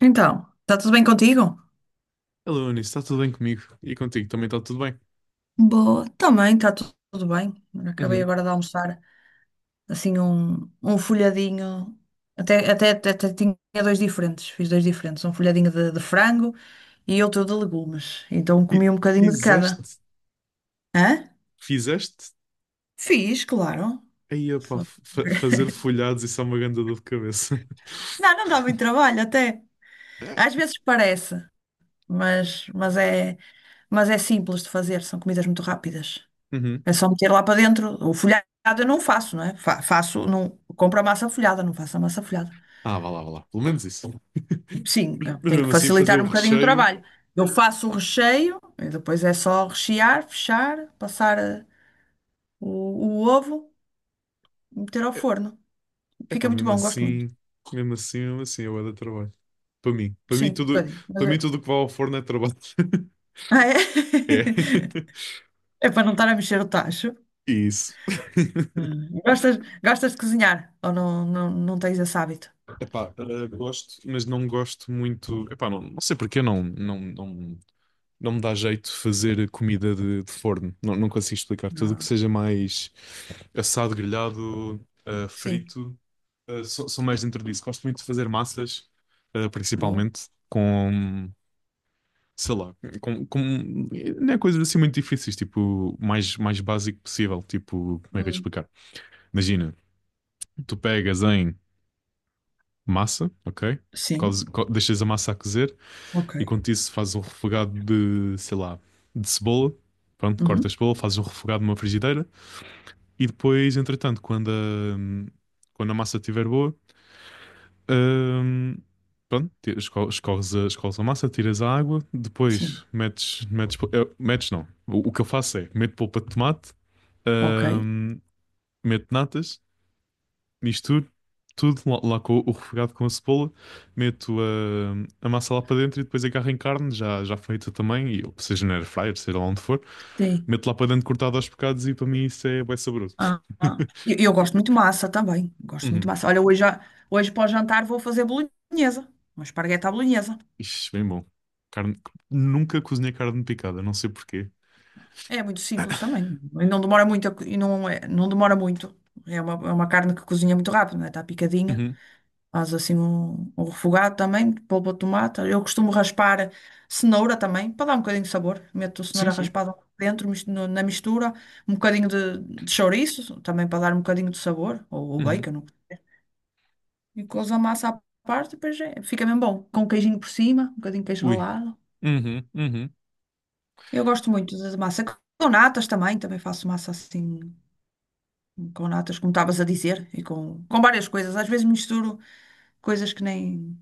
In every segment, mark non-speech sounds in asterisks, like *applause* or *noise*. Então, está tudo bem contigo? Alô, Anis, está tudo bem comigo? E contigo também está tudo bem? Boa, também está tudo bem. Acabei Uhum. agora de almoçar assim um folhadinho, até tinha dois diferentes, fiz dois diferentes, um folhadinho de frango e outro de legumes. Então Fi- comi um bocadinho de cada. Fizeste? Hã? Fizeste? Fiz, claro. Aí, opá, Foi. *laughs* Fazer folhados, isso é uma grande dor de cabeça. Não, não dá muito *laughs* trabalho até. Às vezes parece, mas mas é simples de fazer, são comidas muito rápidas. Uhum. É só meter lá para dentro. O folhado eu não faço, não é? Faço, não, compro a massa folhada, não faço a massa folhada. Ah, vá lá, vá lá. Pelo menos isso. *laughs* Sim, Mas eu mas tenho que mesmo assim, fazer facilitar o um bocadinho o recheio... trabalho. Eu faço o recheio, e depois é só rechear, fechar, passar o ovo e meter ao É, forno. é Fica pá, muito mesmo bom, gosto muito. assim... Mesmo assim, mesmo assim, eu era trabalho. Para mim. Sim, um bocadinho. Mas Para mim, é... tudo que vai ao forno é trabalho. *laughs* Ah, é? É. *laughs* *laughs* É para não estar a mexer o tacho. Isso. Hum. Gostas, gostas de cozinhar? Ou não, não, não tens esse hábito? Epá, gosto, mas não gosto muito. Epá, não, não sei porque não, não me dá jeito fazer comida de forno. Não, não consigo explicar. Tudo o que Não. seja mais assado, grelhado, Sim, frito, sou, sou mais dentro disso. Gosto muito de fazer massas, bom. principalmente com, sei lá, com, não é coisas assim muito difíceis, tipo, o mais, mais básico possível. Tipo, como é que eu ia Hum. explicar? Imagina, tu pegas em massa, ok? Sim, Deixas a massa a cozer. ok. E quanto isso, fazes um refogado de, sei lá, de cebola. Pronto, cortas a Uhum. cebola, fazes um refogado numa frigideira. E depois, entretanto, quando a massa estiver boa, hum, pronto, escorres a, escorres a massa, tiras a água. Sim, Depois, metes, metes, pol- eh, metes não. O que eu faço é, meto polpa de tomate, ok. hum, meto natas, misturo tudo lá, lá com o refogado com a cebola, meto a massa lá para dentro e depois agarro em carne, já, já feita também, e, seja na air fryer, seja lá onde for, Sim. meto lá para dentro cortado aos bocados e para mim isso é bem saboroso. Ah, ah. *laughs* Eu gosto muito de massa também. Gosto muito de Uhum. massa. Olha, hoje, hoje para o jantar vou fazer bolonhesa. Uma espargueta à bolonhesa. Ixi, bem bom. Carne... Nunca cozinhei carne picada, não sei porquê. É muito simples também. E não demora muito. E não, não demora muito. É uma carne que cozinha muito rápido, não é? Está picadinha. Uhum. Faz assim um refogado também, polpa de tomate. Eu costumo raspar cenoura também, para dar um bocadinho de sabor. Meto Sim, cenoura sim. raspada dentro, na mistura. Um bocadinho de chouriço, também para dar um bocadinho de sabor. Ou Uhum. bacon. E couves a massa à parte, depois fica mesmo bom. Com um queijinho por cima, um bocadinho de queijo Ui. ralado. Uhum, uhum, Eu gosto muito da massa. Com natas também, também faço massa assim, com natas, como estavas a dizer, e com várias coisas. Às vezes misturo coisas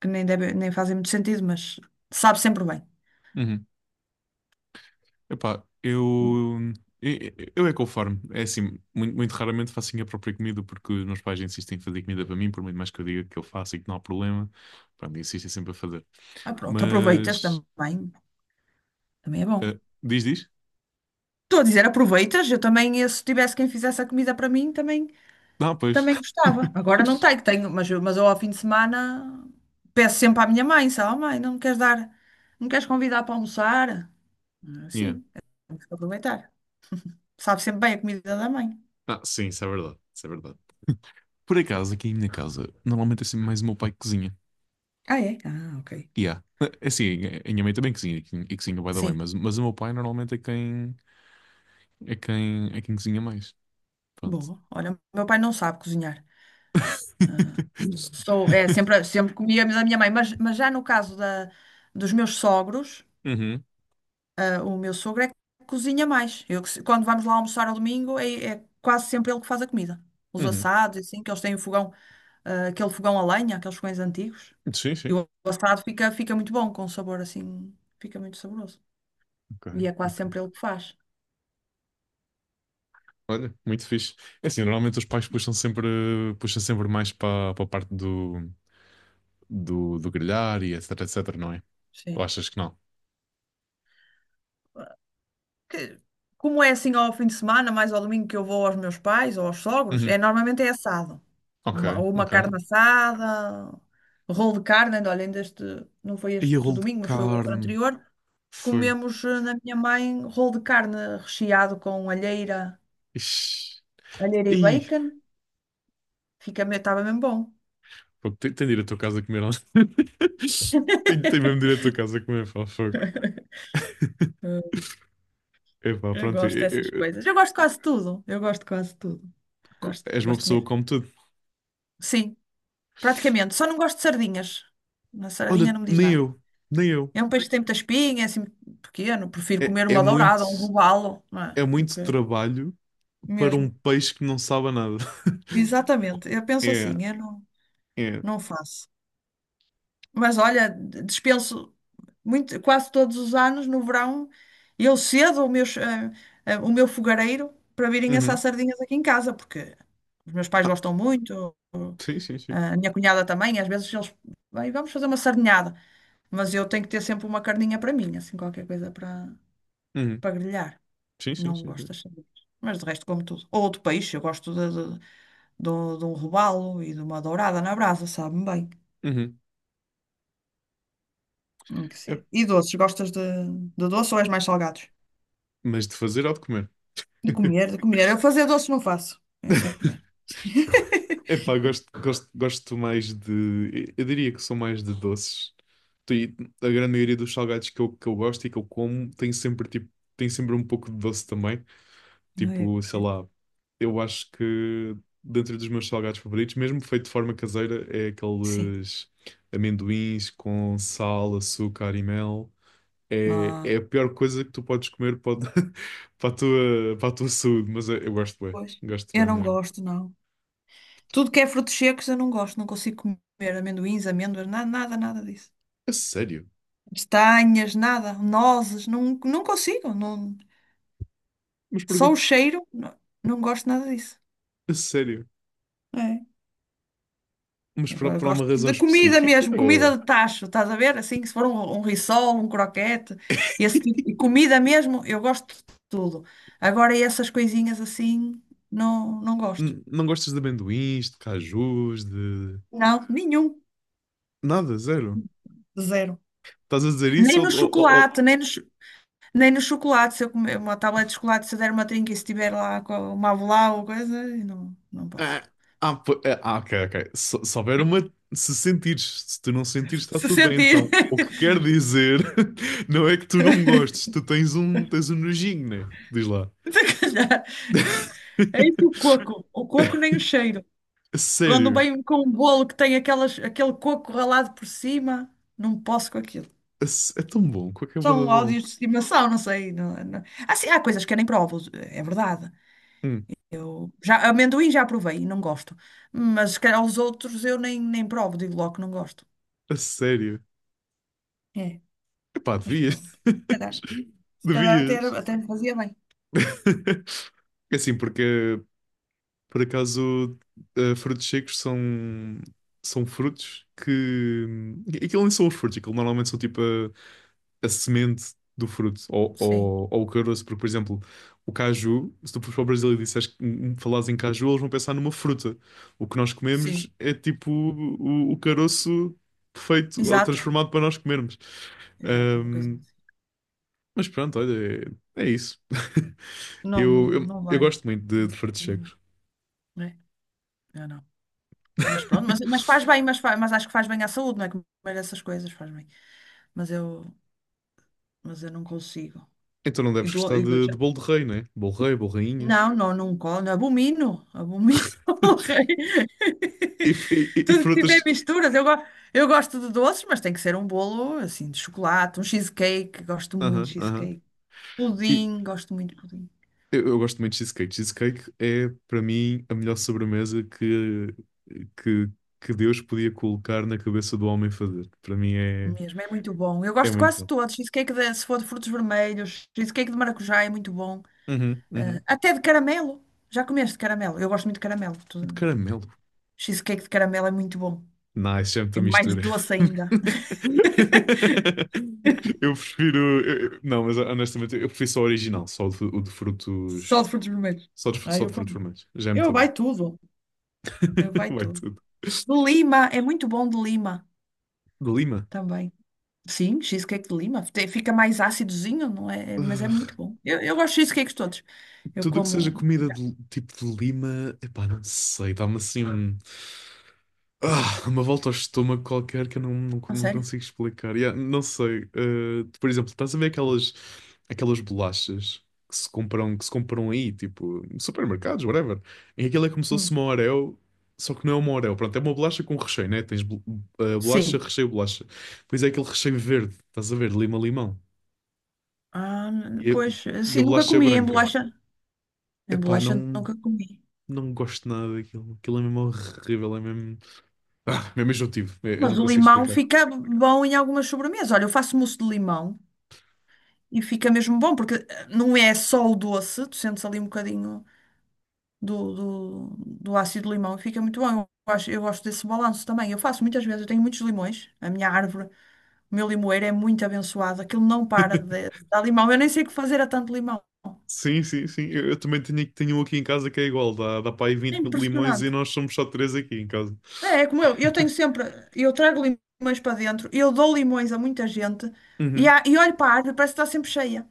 que nem, deve, nem fazem muito sentido, mas sabe sempre bem. uhum. Epá, eu, eu é conforme. É assim, muito, muito raramente faço a minha própria comida porque os meus pais insistem em fazer comida para mim, por muito mais que eu diga que eu faço e que não há problema. Pronto, insistem sempre a fazer. Ah, pronto, aproveitas Mas, também, também é bom. Diz, diz? Estou a dizer, aproveitas, eu também, se tivesse quem fizesse a comida para mim, também Não, pois. também gostava. *laughs* Agora não tenho, tenho, mas, mas eu ao fim de semana peço sempre à minha mãe, sabe, "Oh, mãe, não me queres dar, não me queres convidar para almoçar? Ah, Yeah. sim, temos que aproveitar. Sabe sempre bem a comida da mãe. Ah, sim, isso é verdade. Isso é verdade. Por acaso, aqui em minha casa, normalmente é sempre mais o meu pai que cozinha. Ah, é? Ah, ok. E é assim, a minha mãe também cozinha e cozinha vai dar bem, Sim, mas o meu pai normalmente é quem, é quem, é quem cozinha mais. Pronto. boa. Olha, o meu pai não sabe cozinhar. Sou, é, sempre, sempre comia da minha mãe, mas já no caso dos meus sogros, Uhum, ah, o meu sogro é que cozinha mais. Eu, que quando vamos lá almoçar ao domingo, é, é quase sempre ele que faz a comida. Os uhum. assados, e assim, que eles têm o fogão ah, aquele fogão a lenha, aqueles fogões antigos. Sim, E sim. o assado fica, fica muito bom, com um sabor assim, fica muito saboroso. Ok, E é quase ok. sempre ele que faz. Olha, muito fixe. É assim, normalmente os pais puxam sempre mais para a parte do, do, do grelhar e etc, etc, não é? Ou Sim. achas que não? Que- como é assim ao fim de semana, mais ao domingo que eu vou aos meus pais ou aos sogros, Uhum. é normalmente é assado. Ok, Uma, ou uma ok. carne assada, rolo de carne, ainda, olha, ainda este, não foi E o este rolo de domingo, mas foi o outro carne. anterior. Foi. Comemos na minha mãe rolo de carne recheado com alheira, Ixi. alheira e Ih. bacon. Fica, estava mesmo bom. Fogo, tem, tem de ir à tua casa comer. Algo. *laughs* Tem, tem mesmo de ir à *laughs* tua casa comer. Pá, fogo. Epá, Eu pronto. gosto dessas coisas. Eu gosto de quase tudo. Eu gosto de quase tudo. Gosto, És uma gosto pessoa que mesmo. come tudo. Sim, praticamente. Só não gosto de sardinhas. Na Olha, sardinha não me diz nem nada. eu. Nem eu. É um peixe que tem muita espinha, é assim pequeno. Prefiro É, comer uma dourada, um robalo, não é? é Do muito que... trabalho para um Mesmo. peixe que não sabe nada. *laughs* Exatamente. Eu penso É, assim, eu não, é. não faço. Mas olha, dispenso muito, quase todos os anos, no verão, eu cedo o meu fogareiro para virem assar Uhum. sardinhas aqui em casa, porque os meus pais Ah, gostam muito. sim, sim, sim. Ah, a minha cunhada também, às vezes eles, bem, vamos fazer uma sardinhada, mas eu tenho que ter sempre uma carninha para mim, assim, qualquer coisa Uhum. para grelhar. Sim, sim, Não sim, gosto sim. das sardinhas. Mas de resto como tudo. Ou outro peixe, eu gosto de um robalo e de uma dourada na brasa, sabe-me bem. Uhum. Tem que É, ser. E doces, gostas de doce ou és mais salgados? mas de fazer ou de comer? De *laughs* comer, de comer. Eu fazer doce não faço, é só comer. *laughs* Epá, gosto, gosto, gosto mais de. Eu diria que sou mais de doces. E a grande maioria dos salgados que eu gosto e que eu como tem sempre, tipo, tem sempre um pouco de doce também. Ai, Tipo, sei lá, eu acho que dentro dos meus salgados favoritos, mesmo feito de forma caseira, é sim. aqueles amendoins com sal, açúcar e mel. É, Ah, é a pior coisa que tu podes comer *laughs* para a tua saúde, mas eu pois. gosto Eu bem não mesmo. gosto, não. Tudo que é frutos secos eu não gosto, não consigo comer amendoins, amêndoas, nada, nada, nada disso. A sério? Castanhas, nada, nozes, não, não consigo. Não, Mas porquê? só o cheiro, não, não gosto nada disso. A sério? É. Mas Agora por uma gosto razão da comida específica? mesmo, comida Ou- de tacho, estás a ver? Assim, se for um rissol, um croquete, esse tipo de comida mesmo, eu gosto de tudo. Agora essas coisinhas assim, não, não gosto. Não gostas de amendoins, de cajus, de... Não, nenhum, Nada, zero. zero. Estás a dizer Nem isso no ou, chocolate, nem no. Nem no chocolate, se eu comer uma tablet de chocolate, se eu der uma trinca e se tiver lá com uma avelã ou coisa, eu não, não posso. Ah, ok, ok. Se houver uma. Se sentires, se tu não sentires, está Se tudo bem. sentir, Então, o que quer dizer *laughs* não é que tu não gostes, tu tens um nojinho, né? Diz lá. *laughs* se calhar. É isso o *laughs* coco. O coco nem o cheiro. A Quando sério. vem com um bolo que tem aquelas, aquele coco ralado por cima, não posso com aquilo. É tão bom, com a camada São bom. ódios de estimação, não sei. Não, não. Assim, há coisas que eu nem provo, é verdade. Hum, Eu já, amendoim já provei e não gosto. Mas se calhar os outros eu nem, nem provo, digo logo que não gosto. a sério. É, Epá, mas devias. pronto. *laughs* Se calhar até, Devias. até me fazia bem. *laughs* É assim, porque por acaso, frutos secos são, são frutos que. Aquilo nem são os frutos, aquilo normalmente são tipo a semente do fruto Sim, ou o caroço, porque, por exemplo, o caju, se tu fores para o Brasil e disseres que falares em caju, eles vão pensar numa fruta. O que nós comemos sim. é tipo o caroço feito ou Exato. transformado para nós comermos. Exato, é uma coisa Ahm, assim. mas pronto, olha, é, é isso. *laughs* Não, não, não eu vai. gosto muito de frutos secos. Né? Eu não. Mas pronto, *laughs* mas faz bem, mas, faz, mas acho que faz bem à saúde, não é? Comer essas coisas faz bem. Mas eu, mas eu não consigo. Então não E deves dou, gostar e dou já- de bolo de rei, né? Bolo rei, bolo rainha. Não, não, não como. Abomino. Abomino. *laughs* E, *laughs* e Tudo que tiver frutas. misturas. Eu gosto de doces, mas tem que ser um bolo assim de chocolate, um cheesecake. Gosto muito de Aham, aham. cheesecake. E Pudim, gosto muito de pudim. Eu gosto muito de cheesecake. Cheesecake é, para mim, a melhor sobremesa que, que Deus podia colocar na cabeça do homem fazer. Para mim é, Mesmo, é muito bom. Eu é gosto de muito quase bom. todos. Cheesecake de, se for de frutos vermelhos, cheesecake de maracujá é muito bom. Uhum, uhum. Até de caramelo. Já comeste caramelo? Eu gosto muito de caramelo. De caramelo. Cheesecake de caramelo é muito bom. Nice, já é muita É mais mistura. *laughs* doce ainda. *laughs* Eu prefiro. Eu- Não, mas honestamente, eu prefiro só o original, só o de Só frutos. de frutos vermelhos. Só de, Ah, só eu de frutos como. vermelhos. Já é Eu muito bom. vai tudo. Eu *laughs* vai Vai tudo. tudo. De lima, é muito bom de lima De Lima? também. Sim, cheesecake de lima. Fica mais ácidozinho, não é? Mas é muito Ugh, bom. Eu gosto de cheesecakes todos. Eu tudo o que seja como. comida Já. de, tipo de Lima, epá, não sei, dá-me assim um- ah, uma volta ao estômago qualquer que eu não, não, A não sério? consigo explicar. Yeah, não sei, por exemplo, estás a ver aquelas, aquelas bolachas que se compram aí, tipo, em supermercados, whatever. E aquilo é como se fosse Hum. uma Oreo, só que não é uma Oreo, pronto, é uma bolacha com recheio, né? Bolacha, Sim. recheio, bolacha. Pois é aquele recheio verde, estás a ver, lima-limão. Ah, E, pois, e a assim, nunca bolacha é comi em branca. bolacha. Em Epá, bolacha não, nunca comi. não gosto nada daquilo. Aquilo é mesmo horrível, é mesmo. Ah, mesmo enjoativo. É, eu não Mas o consigo limão explicar. fica bom em algumas sobremesas. Olha, eu faço mousse de limão e fica mesmo bom, porque não é só o doce, tu sentes ali um bocadinho do, do ácido do limão e fica muito bom. Eu gosto desse balanço também. Eu faço muitas vezes, eu tenho muitos limões. A minha árvore, o meu limoeiro é muito abençoado. Aquilo não para de *laughs* dar limão. Eu nem sei o que fazer a tanto limão. Sim, sim, sim. Eu também tenho, tenho um aqui em casa que é igual. Dá, dá para aí É 20 limões e impressionante. nós somos só 3 aqui em casa. Eu tenho sempre, eu trago limões para dentro, eu dou limões a muita gente Uhum. E olho para a árvore, parece que está sempre cheia.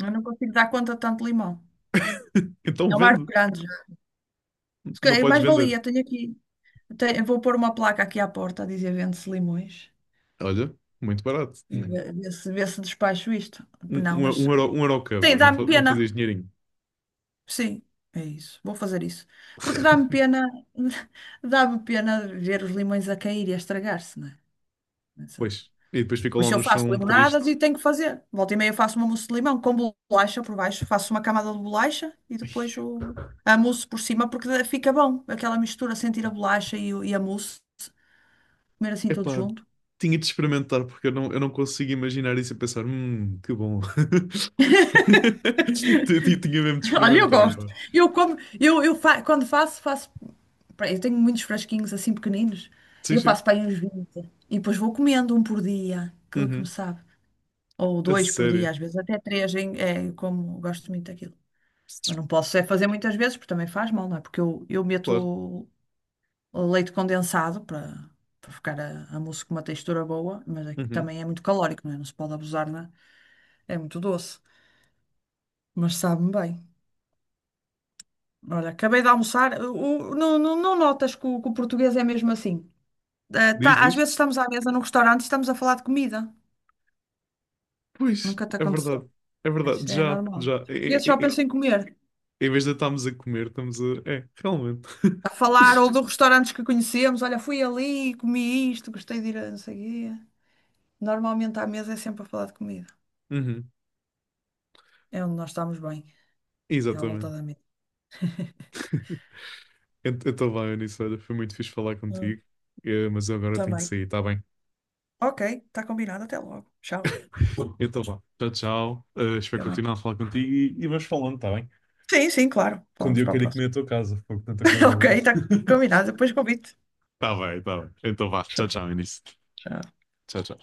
Eu não consigo dar conta de tanto limão. *laughs* Então É uma árvore vende. grande já. Se Não calhar, podes mais vender. valia, tenho aqui, vou pôr uma placa aqui à porta a dizer vende-se limões Olha, muito barato. e ver se despacho isto. Um, Não, um, mas um euro cada. tem, Não, dá-me não pena. fazias dinheirinho. Sim, é isso, vou fazer isso. Porque dá-me *laughs* pena, *laughs* dá-me pena ver os limões a cair e a estragar-se, não é? Pois. E depois ficam Por lá isso eu no faço chão limonadas tristes. e tenho que fazer. Volta e meia faço uma mousse de limão com bolacha por baixo, faço uma camada de bolacha e depois a mousse por cima, porque fica bom aquela mistura, sentir a bolacha e a mousse, comer assim tudo Epá, junto. tinha de experimentar porque eu não consigo imaginar isso e pensar, que bom. *laughs* Tinha mesmo de *laughs* Olha, eu experimentar, gosto. pá. Eu como, quando faço, faço. Pá, eu tenho muitos frasquinhos assim pequeninos, Sim, eu sim. faço para aí uns 20 e depois vou comendo um por dia, que me Uhum. sabe. Ou A dois por dia, sério. às vezes, até três, é, eu como gosto muito daquilo. Mas não posso é fazer muitas vezes, porque também faz mal, não é? Porque eu Claro. meto leite condensado para ficar a mousse com uma textura boa, mas é que Uhum. também é muito calórico, não é? Não se pode abusar, não é? É muito doce, mas sabe-me bem. Olha, acabei de almoçar. Não, não, não notas que o português é mesmo assim? Eh, Diz, tá, às diz. vezes estamos à mesa num restaurante e estamos a falar de comida. Pois, Nunca te é aconteceu. verdade. É É, isso verdade. é Já, normal. já. Os É, portugueses só é, é, é. pensam em comer. Em vez de estarmos a comer, estamos a. É, realmente. A falar ou de *laughs* restaurantes que conhecemos. Olha, fui ali, comi isto, gostei de ir a não sei o quê. Normalmente à mesa é sempre a falar de comida. Uhum. É onde nós estamos bem. É à volta Exatamente. da mesa. *laughs* Então vai, Eunice, olha, foi muito fixe falar Hum, contigo. Mas eu agora tenho de também. sair, tá bem? Ok, está combinado. Até logo. Tchau. Então vá, tchau, tchau. Espero Fica bem. continuar a falar contigo e vamos falando, está bem? Sim, sim, claro. Quando Falamos eu para a quero ir comer próxima. a tua casa, porque tanta *laughs* coisa Ok, boa. está *laughs* combinado. Depois convido. Está bem, está bem. Então vá, Tchau. tchau, tchau, Início. Tchau. Tchau, tchau.